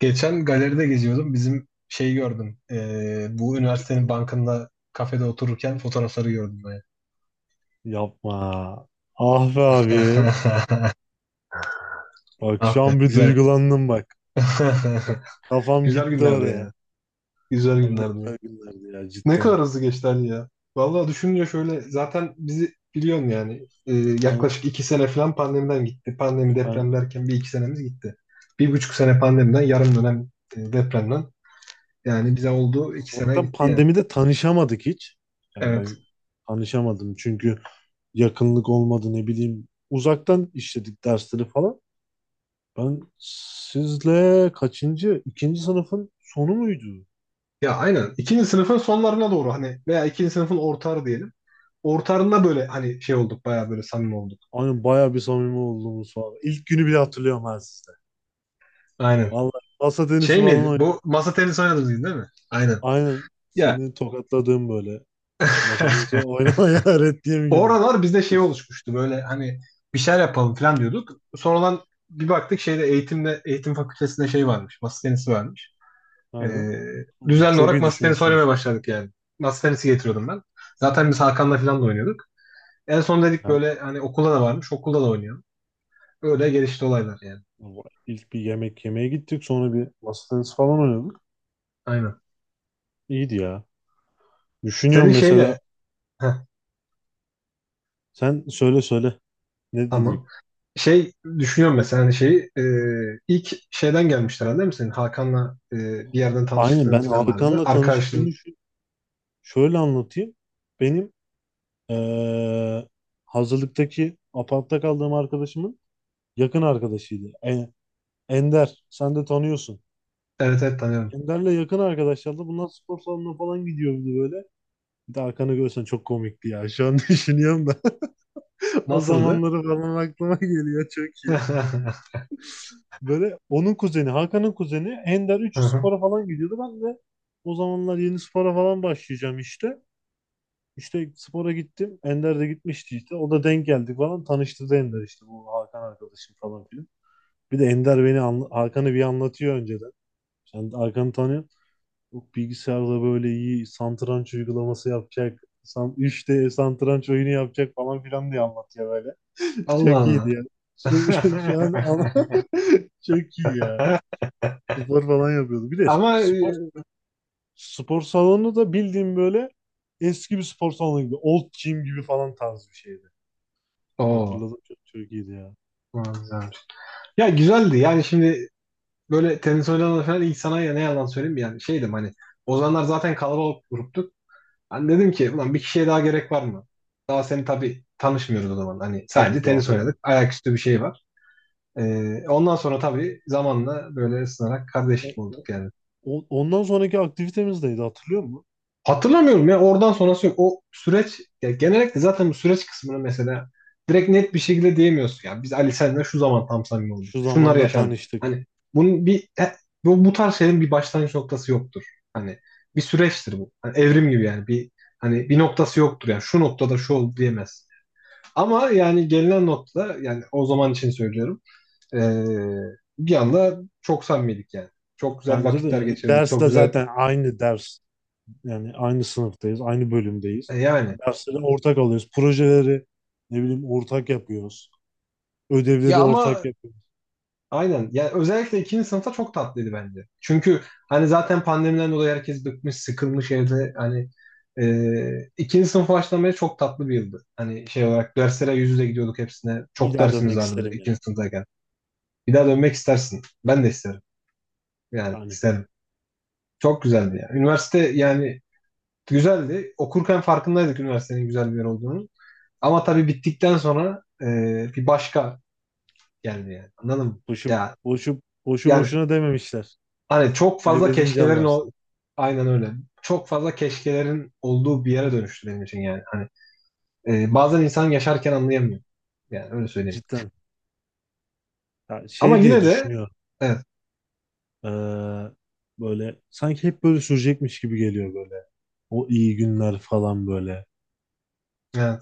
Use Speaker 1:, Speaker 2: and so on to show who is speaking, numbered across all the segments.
Speaker 1: Geçen galeride geziyordum. Bizim şeyi gördüm. Bu üniversitenin bankında kafede otururken fotoğrafları gördüm ben.
Speaker 2: Yapma. Ah be abi. Bak
Speaker 1: Ah
Speaker 2: şu
Speaker 1: be,
Speaker 2: an bir
Speaker 1: güzel.
Speaker 2: duygulandım bak. Kafam
Speaker 1: Güzel
Speaker 2: gitti
Speaker 1: günlerdi
Speaker 2: oraya.
Speaker 1: ya. Güzel
Speaker 2: Abi ne
Speaker 1: günlerdi ya.
Speaker 2: güzel günlerdi ya
Speaker 1: Ne
Speaker 2: cidden.
Speaker 1: kadar hızlı geçti Ali ya. Vallahi düşününce şöyle zaten bizi biliyorsun yani
Speaker 2: Aynen,
Speaker 1: yaklaşık 2 sene falan pandemiden gitti. Pandemi
Speaker 2: aynen.
Speaker 1: deprem derken bir iki senemiz gitti. 1,5 sene pandemiden yarım dönem depremden. Yani bize oldu 2 sene
Speaker 2: Zaten
Speaker 1: gitti yani.
Speaker 2: pandemide tanışamadık hiç. Yani
Speaker 1: Evet.
Speaker 2: ben tanışamadım çünkü yakınlık olmadı ne bileyim. Uzaktan işledik dersleri falan. Ben sizle kaçıncı? İkinci sınıfın sonu muydu?
Speaker 1: Ya aynen. İkinci sınıfın sonlarına doğru hani veya ikinci sınıfın ortarı diyelim. Ortarında böyle hani şey olduk bayağı böyle samimi olduk.
Speaker 2: Aynen bayağı bir samimi olduğumuz falan. İlk günü bile hatırlıyorum ben sizle.
Speaker 1: Aynen.
Speaker 2: Vallahi masa tenisi
Speaker 1: Şey miydi?
Speaker 2: falan.
Speaker 1: Bu masa tenisi oynadınız değil mi? Aynen.
Speaker 2: Aynen
Speaker 1: Ya
Speaker 2: seni tokatladığım böyle. Masadan sonra oynamaya öğret diye mi?
Speaker 1: o aralar bizde şey oluşmuştu böyle hani bir şeyler yapalım falan diyorduk. Sonradan bir baktık şeyde eğitimde eğitim fakültesinde şey varmış. Masa tenisi varmış. Ee,
Speaker 2: Aynen.
Speaker 1: düzenli
Speaker 2: Çok
Speaker 1: olarak
Speaker 2: iyi
Speaker 1: masa tenisi oynamaya
Speaker 2: düşünmüşsünüz.
Speaker 1: başladık yani. Masa tenisi getiriyordum ben. Zaten biz Hakan'la falan da oynuyorduk. En son dedik
Speaker 2: Yani
Speaker 1: böyle hani okulda da varmış okulda da oynayalım. Öyle gelişti olaylar yani.
Speaker 2: ilk bir yemek yemeye gittik, sonra bir masa tenisi falan oynadık.
Speaker 1: Aynen.
Speaker 2: İyiydi ya. Düşünüyorum
Speaker 1: Senin
Speaker 2: mesela,
Speaker 1: şeyle heh,
Speaker 2: sen söyle söyle, ne dedik.
Speaker 1: tamam. Şey düşünüyorum mesela hani şeyi ilk şeyden gelmişler herhalde değil mi senin? Hakan'la bir yerden
Speaker 2: Aynen,
Speaker 1: tanışıklığın
Speaker 2: ben
Speaker 1: falan vardı mı?
Speaker 2: Hakan'la
Speaker 1: Arkadaşın.
Speaker 2: tanışıklığımı şöyle anlatayım. Benim eee, hazırlıktaki apartta kaldığım arkadaşımın yakın arkadaşıydı. Ender sen de tanıyorsun.
Speaker 1: Evet evet tanıyorum.
Speaker 2: Ender'le yakın arkadaşlardı. Bunlar spor salonuna falan gidiyordu böyle. Bir de arkanı görsen çok komikti ya. Şu an düşünüyorum da. O
Speaker 1: Nasıldı?
Speaker 2: zamanları falan aklıma geliyor çok iyi. Böyle onun kuzeni, Hakan'ın kuzeni Ender 3 spora falan gidiyordu. Ben de o zamanlar yeni spora falan başlayacağım işte. İşte spora gittim. Ender de gitmişti işte. O da denk geldik falan. Tanıştı da Ender işte bu Hakan arkadaşım falan filan. Bir de Ender Hakan'ı bir anlatıyor önceden. Sen Hakan'ı tanıyorsun. Yok, bilgisayarda böyle iyi satranç uygulaması yapacak. San, 3D satranç oyunu yapacak falan filan diye anlatıyor böyle. Çok
Speaker 1: Allah
Speaker 2: iyiydi ya.
Speaker 1: Allah.
Speaker 2: Şu, şu an an- çok iyi ya. Spor falan yapıyordu. Bir de
Speaker 1: Ama
Speaker 2: spor spor salonu da bildiğim böyle eski bir spor salonu gibi. Old gym gibi falan tarz bir şeydi.
Speaker 1: o
Speaker 2: Hatırladım, çok, çok iyiydi ya.
Speaker 1: güzelmiş. Ya güzeldi yani şimdi böyle tenis oynanan falan ilk sana ya ne yalan söyleyeyim yani şeydim hani o zamanlar zaten kalabalık gruptuk. Hani dedim ki ulan bir kişiye daha gerek var mı? Daha seni tabii tanışmıyoruz o zaman. Hani sadece
Speaker 2: Tabii
Speaker 1: tenis
Speaker 2: doğru
Speaker 1: oynadık.
Speaker 2: yani.
Speaker 1: Ayaküstü bir şey var. Ondan sonra tabii zamanla böyle ısınarak
Speaker 2: O,
Speaker 1: kardeşlik olduk
Speaker 2: o-
Speaker 1: yani.
Speaker 2: Ondan sonraki aktivitemiz neydi hatırlıyor musun?
Speaker 1: Hatırlamıyorum ya oradan sonrası yok. O süreç ya genellikle zaten bu süreç kısmını mesela direkt net bir şekilde diyemiyorsun. Ya biz Ali senle şu zaman tam samimi olduk.
Speaker 2: Şu
Speaker 1: Şunlar
Speaker 2: zamanda
Speaker 1: yaşandı.
Speaker 2: tanıştık.
Speaker 1: Hani bunun bir he- bu, bu tarz şeylerin bir başlangıç noktası yoktur. Hani bir süreçtir bu. Hani evrim gibi yani bir hani bir noktası yoktur yani şu noktada şu oldu diyemezsin. Ama yani gelinen nokta yani o zaman için söylüyorum. Ee, bir anda çok samimiydik yani. Çok güzel
Speaker 2: Bence
Speaker 1: vakitler
Speaker 2: de
Speaker 1: geçirdik. Çok
Speaker 2: dersle
Speaker 1: güzel
Speaker 2: zaten aynı ders. Yani aynı sınıftayız, aynı bölümdeyiz.
Speaker 1: yani.
Speaker 2: Dersleri ortak alıyoruz. Projeleri ne bileyim ortak yapıyoruz. Ödevleri
Speaker 1: Ya
Speaker 2: ortak
Speaker 1: ama
Speaker 2: yapıyoruz.
Speaker 1: aynen. Yani özellikle ikinci sınıfta çok tatlıydı bence. Çünkü hani zaten pandemiden dolayı herkes bıkmış, sıkılmış evde. Hani ikinci sınıf başlamaya çok tatlı bir yıldı. Hani şey olarak derslere yüz yüze gidiyorduk hepsine.
Speaker 2: Bir
Speaker 1: Çok
Speaker 2: daha
Speaker 1: dersimiz
Speaker 2: dönmek
Speaker 1: vardı bir de
Speaker 2: isterim yani.
Speaker 1: ikinci sınıftayken. Bir daha dönmek istersin. Ben de isterim. Yani
Speaker 2: Yani
Speaker 1: isterim. Çok güzeldi ya. Üniversite yani güzeldi. Okurken farkındaydık üniversitenin güzel bir yer olduğunu. Ama tabii bittikten sonra bir başka geldi yani. Anladın mı?
Speaker 2: boşu,
Speaker 1: Ya,
Speaker 2: boşu
Speaker 1: yani
Speaker 2: boşuna dememişler.
Speaker 1: hani çok fazla
Speaker 2: Kaybedince
Speaker 1: keşkelerin o
Speaker 2: anlarsın.
Speaker 1: aynen öyle. Çok fazla keşkelerin olduğu bir yere dönüştü benim için yani. Hani bazen insan yaşarken anlayamıyor. Yani öyle söyleyeyim.
Speaker 2: Cidden. Ya
Speaker 1: Ama
Speaker 2: şey diye
Speaker 1: yine de
Speaker 2: düşünüyor.
Speaker 1: evet.
Speaker 2: Ee, Böyle sanki hep böyle sürecekmiş gibi geliyor böyle. O iyi günler falan böyle.
Speaker 1: Yani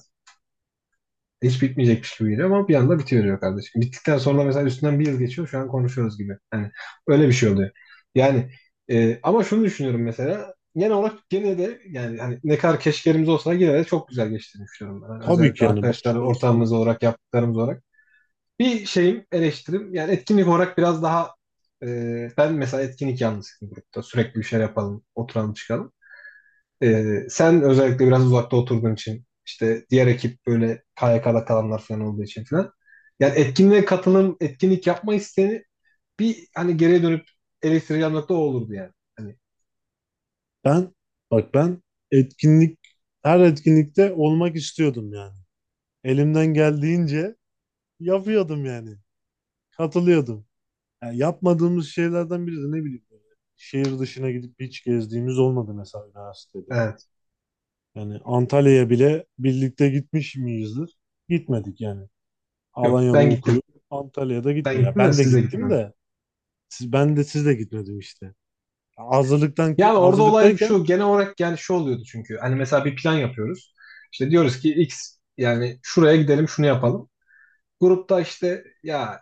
Speaker 1: hiç bitmeyecekmiş gibi geliyor ama bir anda bitiyor diyor kardeşim. Bittikten sonra mesela üstünden bir yıl geçiyor şu an konuşuyoruz gibi. Yani öyle bir şey oluyor. Yani ama şunu düşünüyorum mesela genel olarak gene de yani hani ne kadar keşkelerimiz olsa yine de çok güzel geçtiğini düşünüyorum ben. Yani
Speaker 2: Tabii
Speaker 1: özellikle
Speaker 2: ki yani
Speaker 1: arkadaşlar
Speaker 2: baştan
Speaker 1: ortamımız
Speaker 2: sona.
Speaker 1: olarak yaptıklarımız olarak. Bir şeyim eleştirim yani etkinlik olarak biraz daha e, ben mesela etkinlik yanlısıyım grupta. Sürekli bir şeyler yapalım, oturalım çıkalım. Sen özellikle biraz uzakta oturduğun için işte diğer ekip böyle KYK'da kalanlar falan olduğu için falan. Yani etkinliğe katılım, etkinlik yapma isteğini bir hani geriye dönüp eleştireceğim nokta o olurdu yani. Hani
Speaker 2: Ben bak, ben etkinlik her etkinlikte olmak istiyordum yani. Elimden geldiğince yapıyordum yani. Katılıyordum. Yani yapmadığımız şeylerden biri de ne bileyim böyle şehir dışına gidip hiç gezdiğimiz olmadı mesela üniversitede.
Speaker 1: evet.
Speaker 2: Yani Antalya'ya bile birlikte gitmiş miyizdir? Gitmedik yani.
Speaker 1: Yok
Speaker 2: Alanya'da
Speaker 1: ben gittim.
Speaker 2: okuyup Antalya'da
Speaker 1: Ben
Speaker 2: gitmedik. Ya
Speaker 1: gittim ve
Speaker 2: ben de
Speaker 1: siz de
Speaker 2: gittim
Speaker 1: gitmiyorsunuz.
Speaker 2: de ben de siz de gitmedim işte. Ya hazırlıktan ki,
Speaker 1: Yani orada olay
Speaker 2: hazırlıktayken
Speaker 1: şu genel olarak yani şu oluyordu çünkü. Hani mesela bir plan yapıyoruz. İşte diyoruz ki X yani şuraya gidelim şunu yapalım. Grupta işte ya.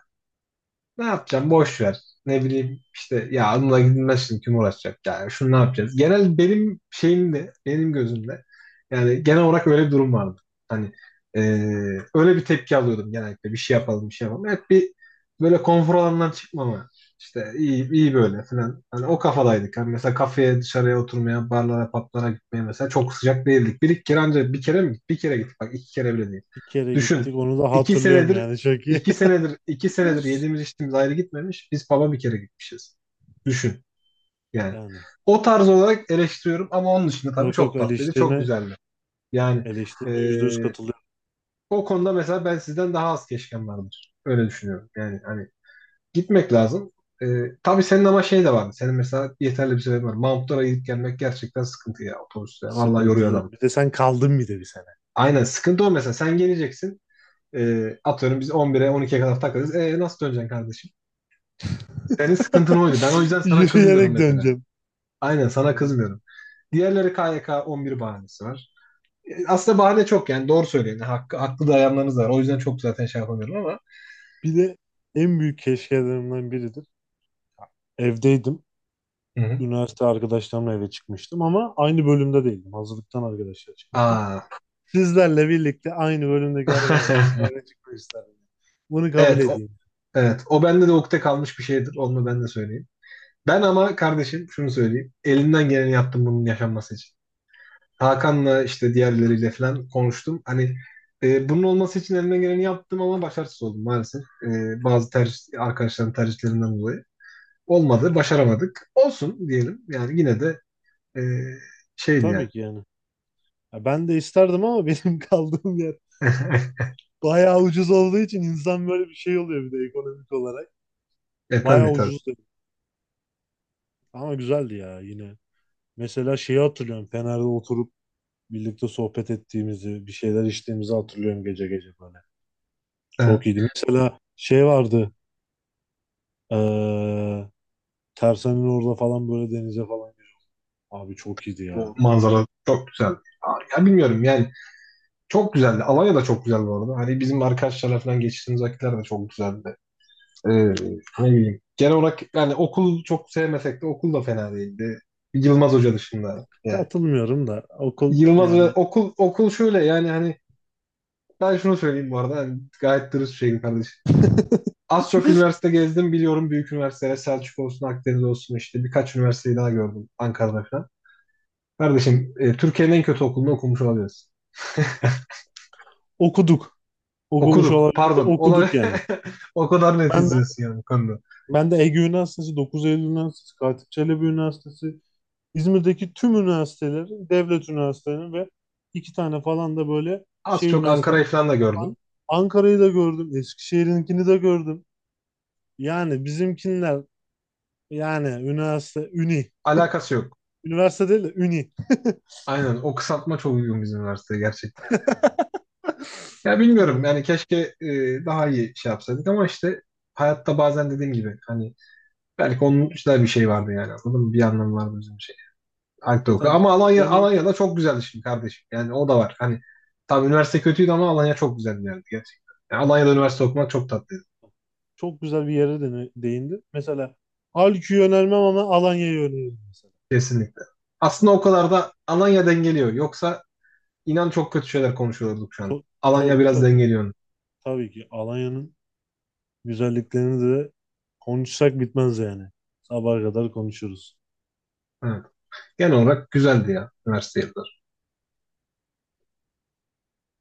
Speaker 1: Ne yapacağım? Boş ver. Ne bileyim işte ya onunla gidilmez şimdi kim uğraşacak yani şunu ne yapacağız? Genel benim şeyimde benim gözümde yani genel olarak öyle bir durum vardı. Hani e, öyle bir tepki alıyordum genellikle bir şey yapalım bir şey yapalım. Hep bir böyle konfor alanından çıkmama işte iyi iyi böyle falan. Hani o kafadaydık. Hani mesela kafeye dışarıya oturmaya barlara patlara gitmeye mesela çok sıcak değildik. Bir iki kere ancak bir kere mi? Bir kere gittik bak iki kere bile değil.
Speaker 2: bir kere
Speaker 1: Düşün.
Speaker 2: gittik. Onu da
Speaker 1: İki
Speaker 2: hatırlıyorum
Speaker 1: senedir
Speaker 2: yani çok iyi.
Speaker 1: iki senedir yediğimiz içtiğimiz ayrı gitmemiş. Biz pub'a bir kere gitmişiz. Düşün yani.
Speaker 2: Yani
Speaker 1: O tarz olarak eleştiriyorum ama onun dışında tabii
Speaker 2: yok yok,
Speaker 1: çok tatlıydı, çok güzeldi. Yani
Speaker 2: eleştirine yüzde yüz
Speaker 1: eee,
Speaker 2: katılıyorum.
Speaker 1: o konuda mesela ben sizden daha az keşkem vardır. Öyle düşünüyorum. Yani hani gitmek lazım. Tabii senin ama şey de vardı. Senin mesela yeterli bir sebebin var. Mount gidip gelmek gerçekten sıkıntı ya otobüste. Vallahi yoruyor adam.
Speaker 2: Sıkıntılı. Bir de sen kaldın bir de bir sene.
Speaker 1: Aynen sıkıntı o mesela. Sen geleceksin. Atıyorum biz 11'e 12'ye kadar takılırız. E, nasıl döneceksin kardeşim? Senin sıkıntın oydu. Ben o yüzden sana kızmıyorum
Speaker 2: Yürüyerek
Speaker 1: mesela.
Speaker 2: döneceğim.
Speaker 1: Aynen sana kızmıyorum. Diğerleri K Y K 11 bahanesi var. E, aslında bahane çok yani doğru söylüyorsun. Hakkı, haklı dayanlarınız var. O yüzden çok zaten şey yapamıyorum ama.
Speaker 2: Bir de en büyük keşkelerimden biridir. Evdeydim.
Speaker 1: Hı hı.
Speaker 2: Üniversite arkadaşlarımla eve çıkmıştım ama aynı bölümde değildim. Hazırlıktan arkadaşlar çıkmıştım.
Speaker 1: Aa.
Speaker 2: Sizlerle birlikte aynı bölümdeki arkadaşlarla eve çıkmak isterdim. Bunu kabul
Speaker 1: Evet o,
Speaker 2: edeyim.
Speaker 1: evet o bende de ukde kalmış bir şeydir. Onu ben de söyleyeyim. Ben ama kardeşim şunu söyleyeyim. Elimden geleni yaptım bunun yaşanması için. Hakan'la işte diğerleriyle falan konuştum. Hani bunun olması için elimden geleni yaptım ama başarısız oldum maalesef. E, bazı tercih, arkadaşların tercihlerinden dolayı. Olmadı, başaramadık. Olsun diyelim. Yani yine de e, şeydi yani.
Speaker 2: Tabii ki yani. Ya ben de isterdim ama benim kaldığım yer bayağı ucuz olduğu için insan böyle bir şey oluyor bir de ekonomik olarak.
Speaker 1: e
Speaker 2: Bayağı
Speaker 1: tabii tabii.
Speaker 2: ucuzdu. Ama güzeldi ya yine. Mesela şeyi hatırlıyorum. Fener'de oturup birlikte sohbet ettiğimizi, bir şeyler içtiğimizi hatırlıyorum gece gece böyle.
Speaker 1: Evet,
Speaker 2: Çok iyiydi. Mesela şey vardı. Eee Tersan'ın orada falan böyle denize falan girdik. Abi çok iyiydi
Speaker 1: o
Speaker 2: ya.
Speaker 1: manzara çok güzeldi. Ya, bilmiyorum yani çok güzeldi. Alanya da çok güzel bu. Hani bizim arkadaşlarla falan geçtiğimiz vakitler de çok güzeldi. Ne bileyim. Genel olarak yani okul çok sevmesek de okul da fena değildi. Yılmaz Hoca dışında yani.
Speaker 2: Katılmıyorum da okul
Speaker 1: Yılmaz
Speaker 2: yani
Speaker 1: Hoca okul şöyle yani hani ben şunu söyleyeyim bu arada. Hani gayet dürüst bir şeyim kardeşim. Az çok üniversite gezdim biliyorum büyük üniversiteler Selçuk olsun Akdeniz olsun işte birkaç üniversiteyi daha gördüm Ankara'da falan. Kardeşim Türkiye'nin en kötü okulunu okumuş olabiliriz.
Speaker 2: okuduk. Okumuş
Speaker 1: Okuduk,
Speaker 2: olabiliriz de
Speaker 1: pardon.
Speaker 2: okuduk yani.
Speaker 1: O kadar net
Speaker 2: Ben de
Speaker 1: izliyorsun yani bu konuda.
Speaker 2: ben de Ege Üniversitesi, 9 Eylül Üniversitesi, Katip Çelebi Üniversitesi, İzmir'deki tüm üniversitelerin, devlet üniversitelerinin ve iki tane falan da böyle
Speaker 1: Az
Speaker 2: şey
Speaker 1: çok
Speaker 2: üniversitenin...
Speaker 1: Ankara'yı falan da gördüm.
Speaker 2: An- Ankara'yı da gördüm. Eskişehir'inkini de gördüm. Yani bizimkiler yani üniversite, üni.
Speaker 1: Alakası yok.
Speaker 2: Üniversite değil de üni.
Speaker 1: Aynen o kısaltma çok uygun bizim üniversiteye gerçekten. Ya bilmiyorum
Speaker 2: Hı.
Speaker 1: yani keşke e, daha iyi şey yapsaydık ama işte hayatta bazen dediğim gibi hani belki onun üstüne bir şey vardı yani anladın mı? Bir anlamı vardı bizim için. Alp
Speaker 2: Ya
Speaker 1: Doku.
Speaker 2: tabii
Speaker 1: Ama Alanya,
Speaker 2: deney
Speaker 1: Alanya da çok güzeldi şimdi kardeşim. Yani o da var. Hani tam üniversite kötüydü ama Alanya çok güzeldi bir gerçekten. Yani Alanya'da üniversite okumak çok tatlıydı.
Speaker 2: çok güzel bir yere değindi. Mesela Halki'yi önermem ama Alanya'yı öneririm mesela.
Speaker 1: Kesinlikle. Aslında o kadar da Alanya dengeliyor. Yoksa inan çok kötü şeyler konuşuyorduk şu an.
Speaker 2: Çok
Speaker 1: Alanya
Speaker 2: çok
Speaker 1: biraz
Speaker 2: çok
Speaker 1: dengeliyor.
Speaker 2: tabii ki Alanya'nın güzelliklerini de konuşsak bitmez yani. Sabaha kadar konuşuruz.
Speaker 1: Evet. Genel olarak güzeldi ya üniversite yılları.